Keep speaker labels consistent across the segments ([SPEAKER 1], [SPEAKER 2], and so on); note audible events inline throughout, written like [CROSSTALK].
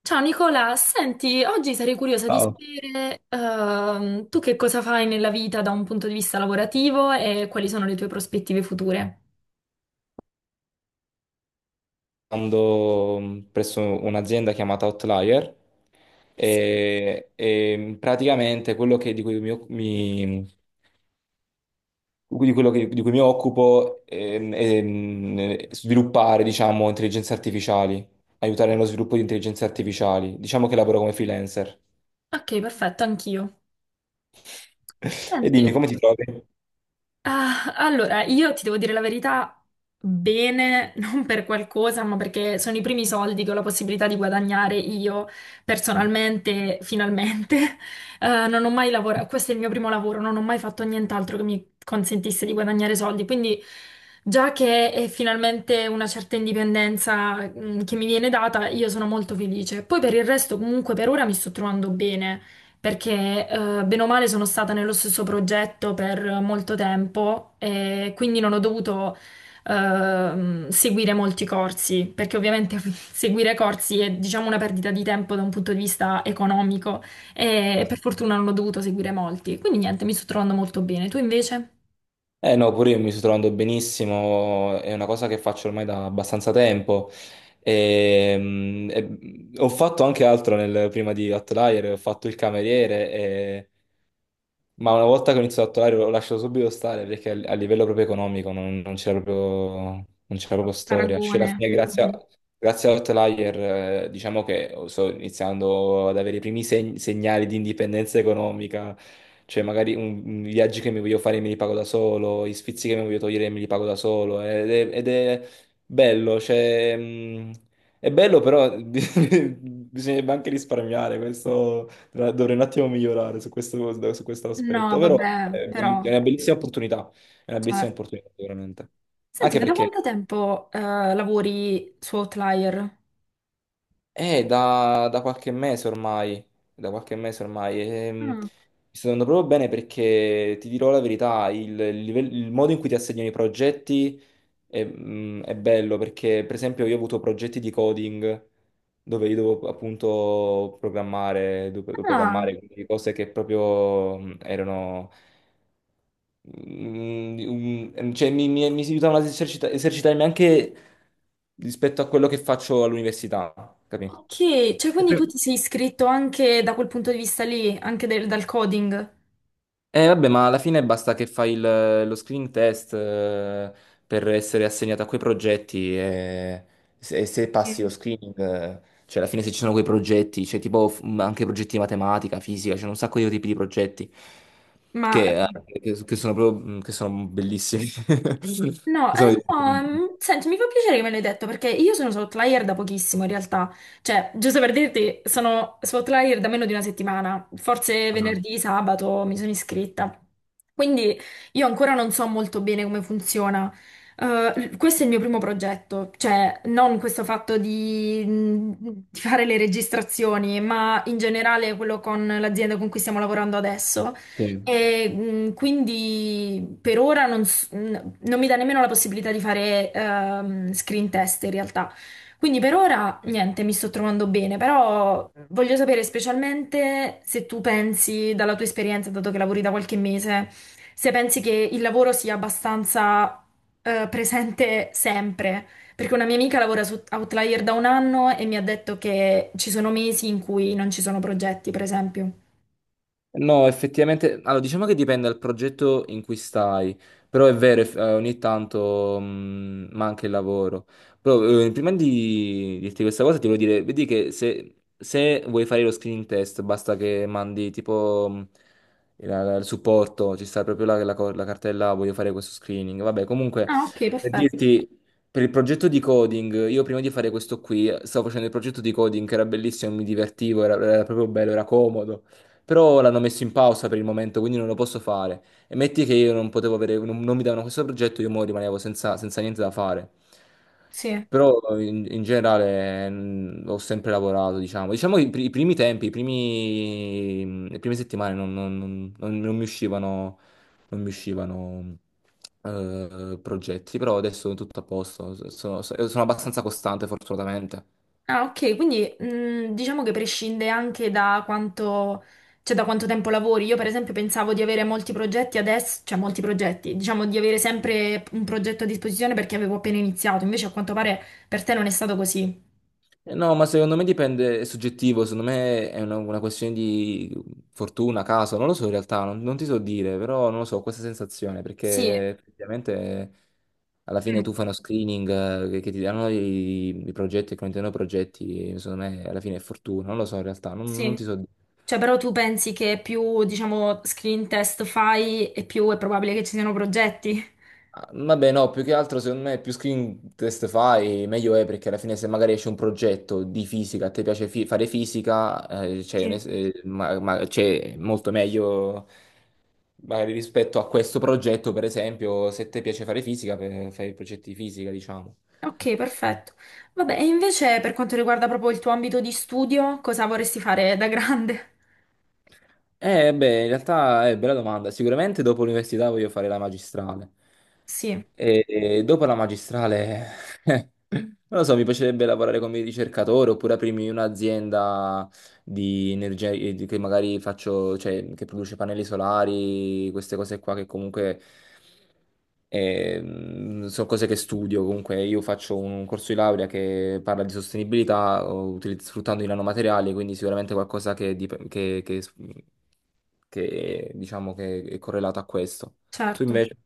[SPEAKER 1] Ciao Nicola, senti, oggi sarei curiosa di
[SPEAKER 2] Ciao.
[SPEAKER 1] sapere tu che cosa fai nella vita da un punto di vista lavorativo e quali sono le tue prospettive future.
[SPEAKER 2] Lavorando presso un'azienda chiamata Outlier e praticamente quello che- di cui mi, occu- mi- di cui mi occupo, è, sviluppare, diciamo, intelligenze artificiali, aiutare nello sviluppo di intelligenze artificiali. Diciamo che lavoro come freelancer.
[SPEAKER 1] Ok, perfetto, anch'io.
[SPEAKER 2] [LAUGHS] E dimmi,
[SPEAKER 1] Senti,
[SPEAKER 2] come ti trovi?
[SPEAKER 1] ah, allora, io ti devo dire la verità, bene, [LAUGHS] non per qualcosa, ma perché sono i primi soldi che ho la possibilità di guadagnare io personalmente, finalmente. [LAUGHS] Non ho mai lavorato, questo è il mio primo lavoro, non ho mai fatto nient'altro che mi consentisse di guadagnare soldi, quindi già che è finalmente una certa indipendenza, che mi viene data, io sono molto felice. Poi per il resto, comunque, per ora mi sto trovando bene perché bene o male sono stata nello stesso progetto per molto tempo e quindi non ho dovuto seguire molti corsi, perché ovviamente [LAUGHS] seguire corsi è diciamo una perdita di tempo da un punto di vista economico e per fortuna non ho dovuto seguire molti. Quindi niente, mi sto trovando molto bene. Tu invece?
[SPEAKER 2] Eh no, pure io mi sto trovando benissimo, è una cosa che faccio ormai da abbastanza tempo. Ho fatto anche altro, prima di Outlier, ho fatto il cameriere, ma una volta che ho iniziato a tatuare l'ho lasciato subito stare perché a livello proprio economico non c'era proprio, non c'era proprio storia. Cioè, alla
[SPEAKER 1] Paragone.
[SPEAKER 2] fine, grazie,
[SPEAKER 1] Mm.
[SPEAKER 2] a- grazie all'Outlier, diciamo che sto iniziando ad avere i primi segnali di indipendenza economica. Cioè, magari i viaggi che mi voglio fare me li pago da solo, gli sfizi che mi voglio togliere me li pago da solo. Ed è bello, cioè, è bello, però [LAUGHS] bisognerebbe anche risparmiare questo. Dovrei un attimo migliorare su questo
[SPEAKER 1] No,
[SPEAKER 2] aspetto, però
[SPEAKER 1] vabbè, però
[SPEAKER 2] è una bellissima opportunità, è una bellissima
[SPEAKER 1] certo.
[SPEAKER 2] opportunità veramente.
[SPEAKER 1] Senti,
[SPEAKER 2] Anche
[SPEAKER 1] ma da quanto
[SPEAKER 2] perché
[SPEAKER 1] tempo lavori su Outlier?
[SPEAKER 2] è da qualche mese ormai, da qualche mese ormai. Mi
[SPEAKER 1] Mm.
[SPEAKER 2] sto andando proprio bene perché ti dirò la verità, il modo in cui ti assegnano i progetti è bello, perché per esempio io ho avuto progetti di coding dove io dovevo appunto programmare, dovevo
[SPEAKER 1] Ah.
[SPEAKER 2] programmare, quindi cose che proprio erano. Mi si aiutavano ad esercitarmi anche rispetto a quello che faccio all'università, capì?
[SPEAKER 1] Ok, cioè quindi tu
[SPEAKER 2] Per-
[SPEAKER 1] ti sei iscritto anche da quel punto di vista lì, anche dal coding.
[SPEAKER 2] Vabbè, ma alla fine basta che lo screening test, per essere assegnato a quei progetti, e se passi lo
[SPEAKER 1] Sì.
[SPEAKER 2] screening, cioè alla fine se ci sono quei progetti, c'è tipo, anche progetti di matematica, fisica, c'è un sacco di tipi di progetti
[SPEAKER 1] Ma
[SPEAKER 2] che, eh, che sono proprio, che sono bellissimi. [LAUGHS]
[SPEAKER 1] no,
[SPEAKER 2] Sono
[SPEAKER 1] no,
[SPEAKER 2] divertenti.
[SPEAKER 1] senti, mi fa piacere che me l'hai detto perché io sono su Outlier da pochissimo in realtà, cioè, giusto per dirti, sono su Outlier da meno di una settimana, forse
[SPEAKER 2] Ah,
[SPEAKER 1] venerdì, sabato mi sono iscritta, quindi io ancora non so molto bene come funziona. Questo è il mio primo progetto, cioè non questo fatto di, di fare le registrazioni, ma in generale quello con l'azienda con cui stiamo lavorando adesso.
[SPEAKER 2] sì.
[SPEAKER 1] E, quindi per ora non so, non mi dà nemmeno la possibilità di fare screen test in realtà. Quindi per ora niente, mi sto trovando bene, però voglio sapere specialmente se tu pensi, dalla tua esperienza, dato che lavori da qualche mese, se pensi che il lavoro sia abbastanza presente sempre. Perché una mia amica lavora su Outlier da un anno e mi ha detto che ci sono mesi in cui non ci sono progetti, per esempio.
[SPEAKER 2] No, effettivamente, allora diciamo che dipende dal progetto in cui stai, però è vero, ogni tanto manca il lavoro. Però prima di dirti questa cosa ti voglio dire, vedi che se vuoi fare lo screening test basta che mandi tipo, il supporto, ci sta proprio la cartella voglio fare questo screening. Vabbè, comunque
[SPEAKER 1] Ah, ok,
[SPEAKER 2] per
[SPEAKER 1] perfetto.
[SPEAKER 2] dirti. Per il progetto di coding, io prima di fare questo qui, stavo facendo il progetto di coding che era bellissimo, mi divertivo, era proprio bello, era comodo. Però l'hanno messo in pausa per il momento, quindi non lo posso fare. E metti che io non potevo avere, non mi davano questo progetto, io mo rimanevo senza niente da fare.
[SPEAKER 1] Sì.
[SPEAKER 2] Però in generale, ho sempre lavorato, diciamo. Diciamo che i primi tempi, i primi, le prime settimane non mi uscivano, non mi uscivano, progetti, però adesso è tutto a posto. Sono abbastanza costante, fortunatamente.
[SPEAKER 1] Ah, ok, quindi diciamo che prescinde anche da quanto, cioè da quanto tempo lavori. Io, per esempio, pensavo di avere molti progetti adesso, cioè molti progetti, diciamo di avere sempre un progetto a disposizione perché avevo appena iniziato, invece a quanto pare per te non è stato così.
[SPEAKER 2] No, ma secondo me dipende, è soggettivo, secondo me è una questione di fortuna, caso, non lo so in realtà, non ti so dire, però non lo so, questa sensazione,
[SPEAKER 1] Sì.
[SPEAKER 2] perché ovviamente alla fine
[SPEAKER 1] Mm.
[SPEAKER 2] tu fai uno screening, che ti danno i progetti, che contengono progetti, secondo me alla fine è fortuna, non lo so in realtà, non
[SPEAKER 1] Sì,
[SPEAKER 2] ti so dire.
[SPEAKER 1] cioè però tu pensi che più, diciamo, screen test fai e più è probabile che ci siano progetti?
[SPEAKER 2] Ah, vabbè, no, più che altro secondo me più screen test fai, meglio è, perché alla fine se magari esce un progetto di fisica, a te piace fare fisica, c'è un
[SPEAKER 1] Sì.
[SPEAKER 2] es- ma- c'è molto meglio magari rispetto a questo progetto, per esempio, se ti piace fare fisica, fai progetti di fisica, diciamo.
[SPEAKER 1] Ok, perfetto. Vabbè, e invece per quanto riguarda proprio il tuo ambito di studio, cosa vorresti fare da grande?
[SPEAKER 2] Beh, in realtà è bella domanda. Sicuramente dopo l'università voglio fare la magistrale.
[SPEAKER 1] Sì.
[SPEAKER 2] E dopo la magistrale, [LAUGHS] non lo so, mi piacerebbe lavorare come ricercatore oppure aprirmi un'azienda di energia, che magari faccio, cioè che produce pannelli solari, queste cose qua che comunque, sono cose che studio. Comunque io faccio un corso di laurea che parla di sostenibilità o sfruttando i nanomateriali, quindi sicuramente qualcosa che diciamo che è correlato a questo. Tu
[SPEAKER 1] Certo.
[SPEAKER 2] invece?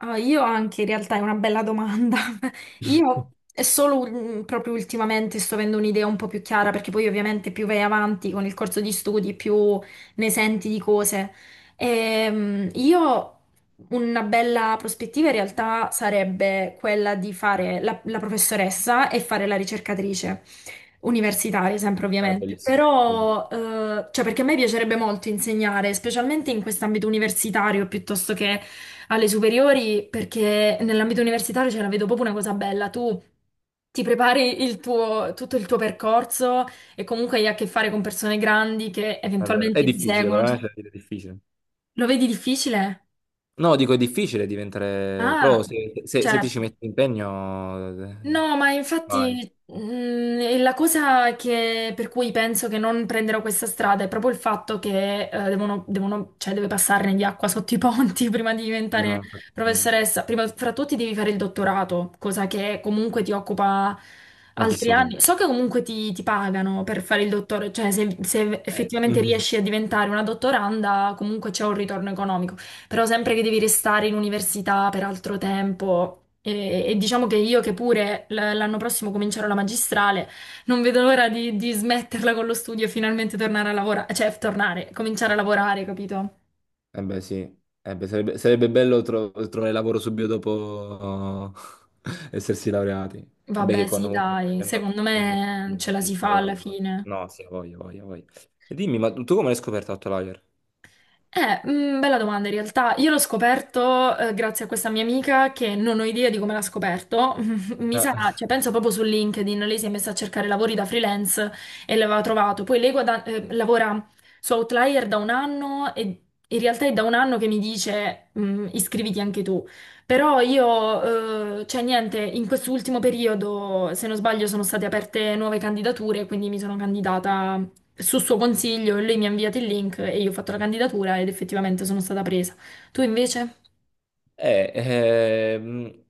[SPEAKER 1] Ah, io anche in realtà è una bella domanda. [LAUGHS] Io è solo proprio ultimamente sto avendo un'idea un po' più chiara perché poi ovviamente più vai avanti con il corso di studi, più ne senti di cose. Io una bella prospettiva in realtà sarebbe quella di fare la professoressa e fare la ricercatrice universitaria, sempre
[SPEAKER 2] È
[SPEAKER 1] ovviamente,
[SPEAKER 2] bellissimo. Bellissimo.
[SPEAKER 1] però cioè perché a me piacerebbe molto insegnare, specialmente in quest'ambito universitario piuttosto che alle superiori perché nell'ambito universitario ce la vedo proprio una cosa bella. Tu ti prepari il tuo, tutto il tuo percorso e comunque hai a che fare con persone grandi che
[SPEAKER 2] È vero. È
[SPEAKER 1] eventualmente ti
[SPEAKER 2] difficile,
[SPEAKER 1] seguono.
[SPEAKER 2] però,
[SPEAKER 1] Cioè,
[SPEAKER 2] cioè, è difficile.
[SPEAKER 1] lo vedi difficile?
[SPEAKER 2] No, dico, è difficile diventare
[SPEAKER 1] Ah,
[SPEAKER 2] pro, se ti ci
[SPEAKER 1] certo.
[SPEAKER 2] metti impegno,
[SPEAKER 1] No, ma
[SPEAKER 2] vai.
[SPEAKER 1] infatti e la cosa per cui penso che non prenderò questa strada è proprio il fatto che cioè, deve passarne di acqua sotto i ponti [LAUGHS] prima di
[SPEAKER 2] Non
[SPEAKER 1] diventare
[SPEAKER 2] ho fatto no,
[SPEAKER 1] professoressa. Prima fra tutti devi fare il dottorato, cosa che comunque ti occupa altri
[SPEAKER 2] tantissimo tempo.
[SPEAKER 1] anni. So che comunque ti, ti pagano per fare il dottore, cioè se effettivamente
[SPEAKER 2] Mm.
[SPEAKER 1] riesci a diventare una dottoranda comunque c'è un ritorno economico. Però sempre che devi restare in università per altro tempo e diciamo che io che pure l'anno prossimo comincerò la magistrale, non vedo l'ora di smetterla con lo studio e finalmente tornare a lavorare, cioè tornare, cominciare a lavorare, capito?
[SPEAKER 2] Eh beh, sì, eh beh, sarebbe bello trovare lavoro subito dopo [LAUGHS] essersi laureati. Vabbè, che
[SPEAKER 1] Vabbè,
[SPEAKER 2] quando
[SPEAKER 1] sì,
[SPEAKER 2] comunque
[SPEAKER 1] dai, secondo
[SPEAKER 2] sì,
[SPEAKER 1] me ce la
[SPEAKER 2] sì,
[SPEAKER 1] si
[SPEAKER 2] sì, ha
[SPEAKER 1] fa alla
[SPEAKER 2] voglia, ha voglia.
[SPEAKER 1] fine.
[SPEAKER 2] No, sì, ha voglia, ha voglia, ha voglia. E dimmi, ma tu come l'hai scoperto Outlier?
[SPEAKER 1] Bella domanda in realtà. Io l'ho scoperto grazie a questa mia amica che non ho idea di come l'ha scoperto. [LAUGHS] Mi sa,
[SPEAKER 2] Ah.
[SPEAKER 1] cioè, penso proprio su LinkedIn, lei si è messa a cercare lavori da freelance e l'aveva trovato. Poi lei lavora su Outlier da un anno e in realtà è da un anno che mi dice iscriviti anche tu. Però io, cioè niente, in quest'ultimo periodo, se non sbaglio, sono state aperte nuove candidature, quindi mi sono candidata su suo consiglio, lei mi ha inviato il link e io ho fatto la candidatura ed effettivamente sono stata presa. Tu invece?
[SPEAKER 2] Eh, ehm,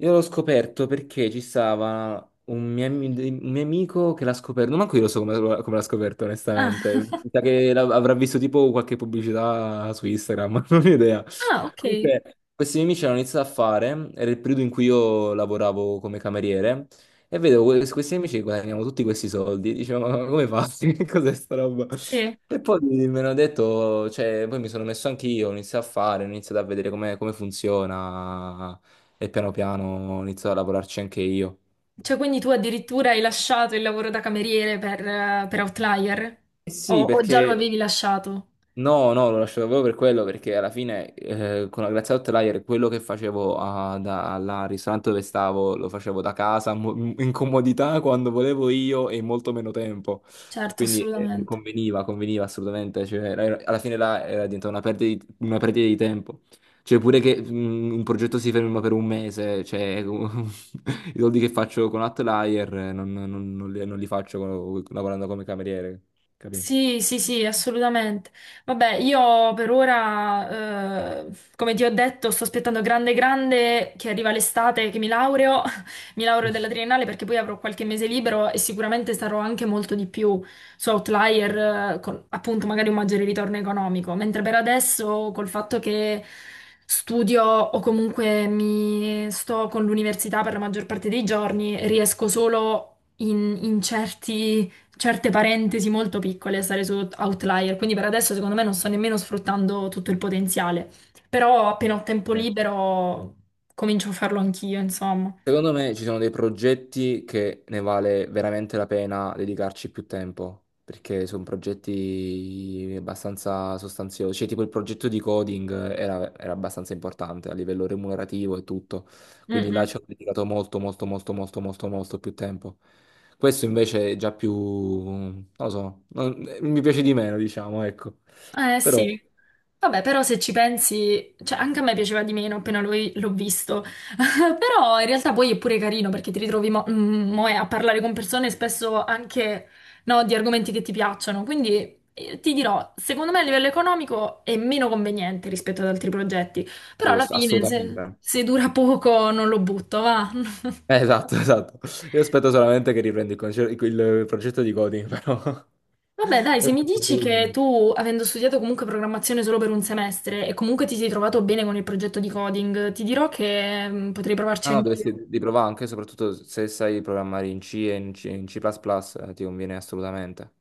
[SPEAKER 2] Io l'ho scoperto perché ci stava un mio amico che l'ha scoperto. Non manco io lo so come l'ha scoperto, onestamente.
[SPEAKER 1] Ah,
[SPEAKER 2] Mi sa che avrà visto tipo qualche pubblicità su Instagram, [LAUGHS] non ho idea.
[SPEAKER 1] ah, ok.
[SPEAKER 2] Comunque, questi miei amici hanno iniziato a fare, era il periodo in cui io lavoravo come cameriere, e vedevo questi miei amici che guadagnavano tutti questi soldi. Dicevo, ma come fatti? [LAUGHS] Che cos'è sta roba?
[SPEAKER 1] Sì.
[SPEAKER 2] E poi mi hanno detto, cioè, poi mi sono messo anch'io, ho iniziato a fare, ho iniziato a vedere come funziona, e piano piano ho iniziato a lavorarci anche io.
[SPEAKER 1] Cioè, quindi tu addirittura hai lasciato il lavoro da cameriere per Outlier?
[SPEAKER 2] Eh sì,
[SPEAKER 1] O già lo
[SPEAKER 2] perché.
[SPEAKER 1] avevi lasciato?
[SPEAKER 2] No, no, lo lascio proprio per quello, perché alla fine, con la Grazia Hotelier quello che facevo, al ristorante dove stavo lo facevo da casa, in comodità, quando volevo io e in molto meno tempo.
[SPEAKER 1] Certo,
[SPEAKER 2] Quindi,
[SPEAKER 1] assolutamente.
[SPEAKER 2] conveniva assolutamente. Cioè, alla fine là era diventata di una perdita di tempo. Cioè pure che, un progetto si ferma per un mese, cioè, [LAUGHS] i soldi che faccio con Hotelier, non li faccio, lavorando come cameriere, capì?
[SPEAKER 1] Sì, sì, sì, assolutamente. Vabbè, io per ora, come ti ho detto, sto aspettando grande, grande che arriva l'estate, che mi laureo, [LAUGHS] mi laureo della triennale perché poi avrò qualche mese libero e sicuramente sarò anche molto di più su Outlier, con appunto magari un maggiore ritorno economico. Mentre per adesso, col fatto che studio o comunque mi sto con l'università per la maggior parte dei giorni, riesco solo in certi certe parentesi molto piccole, e stare su Outlier, quindi per adesso secondo me non sto nemmeno sfruttando tutto il potenziale, però appena ho tempo
[SPEAKER 2] Eh.
[SPEAKER 1] libero comincio a farlo anch'io, insomma.
[SPEAKER 2] Secondo me ci sono dei progetti che ne vale veramente la pena dedicarci più tempo, perché sono progetti abbastanza sostanziosi, cioè tipo il progetto di coding era abbastanza importante a livello remunerativo e tutto,
[SPEAKER 1] Mm,
[SPEAKER 2] quindi là
[SPEAKER 1] mm.
[SPEAKER 2] ci ho dedicato molto molto molto molto molto molto più tempo. Questo invece è già più, non lo so, mi piace di meno, diciamo, ecco.
[SPEAKER 1] Eh
[SPEAKER 2] Però
[SPEAKER 1] sì. Vabbè, però se ci pensi, cioè anche a me piaceva di meno appena l'ho visto. [LAUGHS] Però in realtà poi è pure carino perché ti ritrovi mo è a parlare con persone spesso anche no, di argomenti che ti piacciono. Quindi ti dirò, secondo me a livello economico è meno conveniente rispetto ad altri progetti. Però
[SPEAKER 2] sì,
[SPEAKER 1] alla fine, se,
[SPEAKER 2] assolutamente.
[SPEAKER 1] se dura poco, non lo butto, va. [LAUGHS]
[SPEAKER 2] Esatto, [LAUGHS] esatto. Io aspetto solamente che riprendi il progetto di coding, però.
[SPEAKER 1] Vabbè,
[SPEAKER 2] [LAUGHS]
[SPEAKER 1] dai,
[SPEAKER 2] È
[SPEAKER 1] se mi
[SPEAKER 2] tutto
[SPEAKER 1] dici
[SPEAKER 2] solo
[SPEAKER 1] che
[SPEAKER 2] lui.
[SPEAKER 1] tu, avendo studiato comunque programmazione solo per un semestre e comunque ti sei trovato bene con il progetto di coding, ti dirò che potrei
[SPEAKER 2] Ah
[SPEAKER 1] provarci
[SPEAKER 2] no,
[SPEAKER 1] anch'io.
[SPEAKER 2] dovresti di provare anche, soprattutto se sai programmare in C e in C, in C++, ti conviene assolutamente.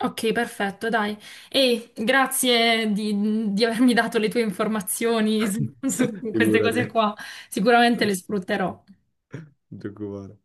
[SPEAKER 1] Ok, perfetto, dai. E grazie di avermi dato le tue informazioni su
[SPEAKER 2] [LAUGHS]
[SPEAKER 1] su queste
[SPEAKER 2] Figurati,
[SPEAKER 1] cose qua. Sicuramente le sfrutterò.
[SPEAKER 2] non ti preoccupare.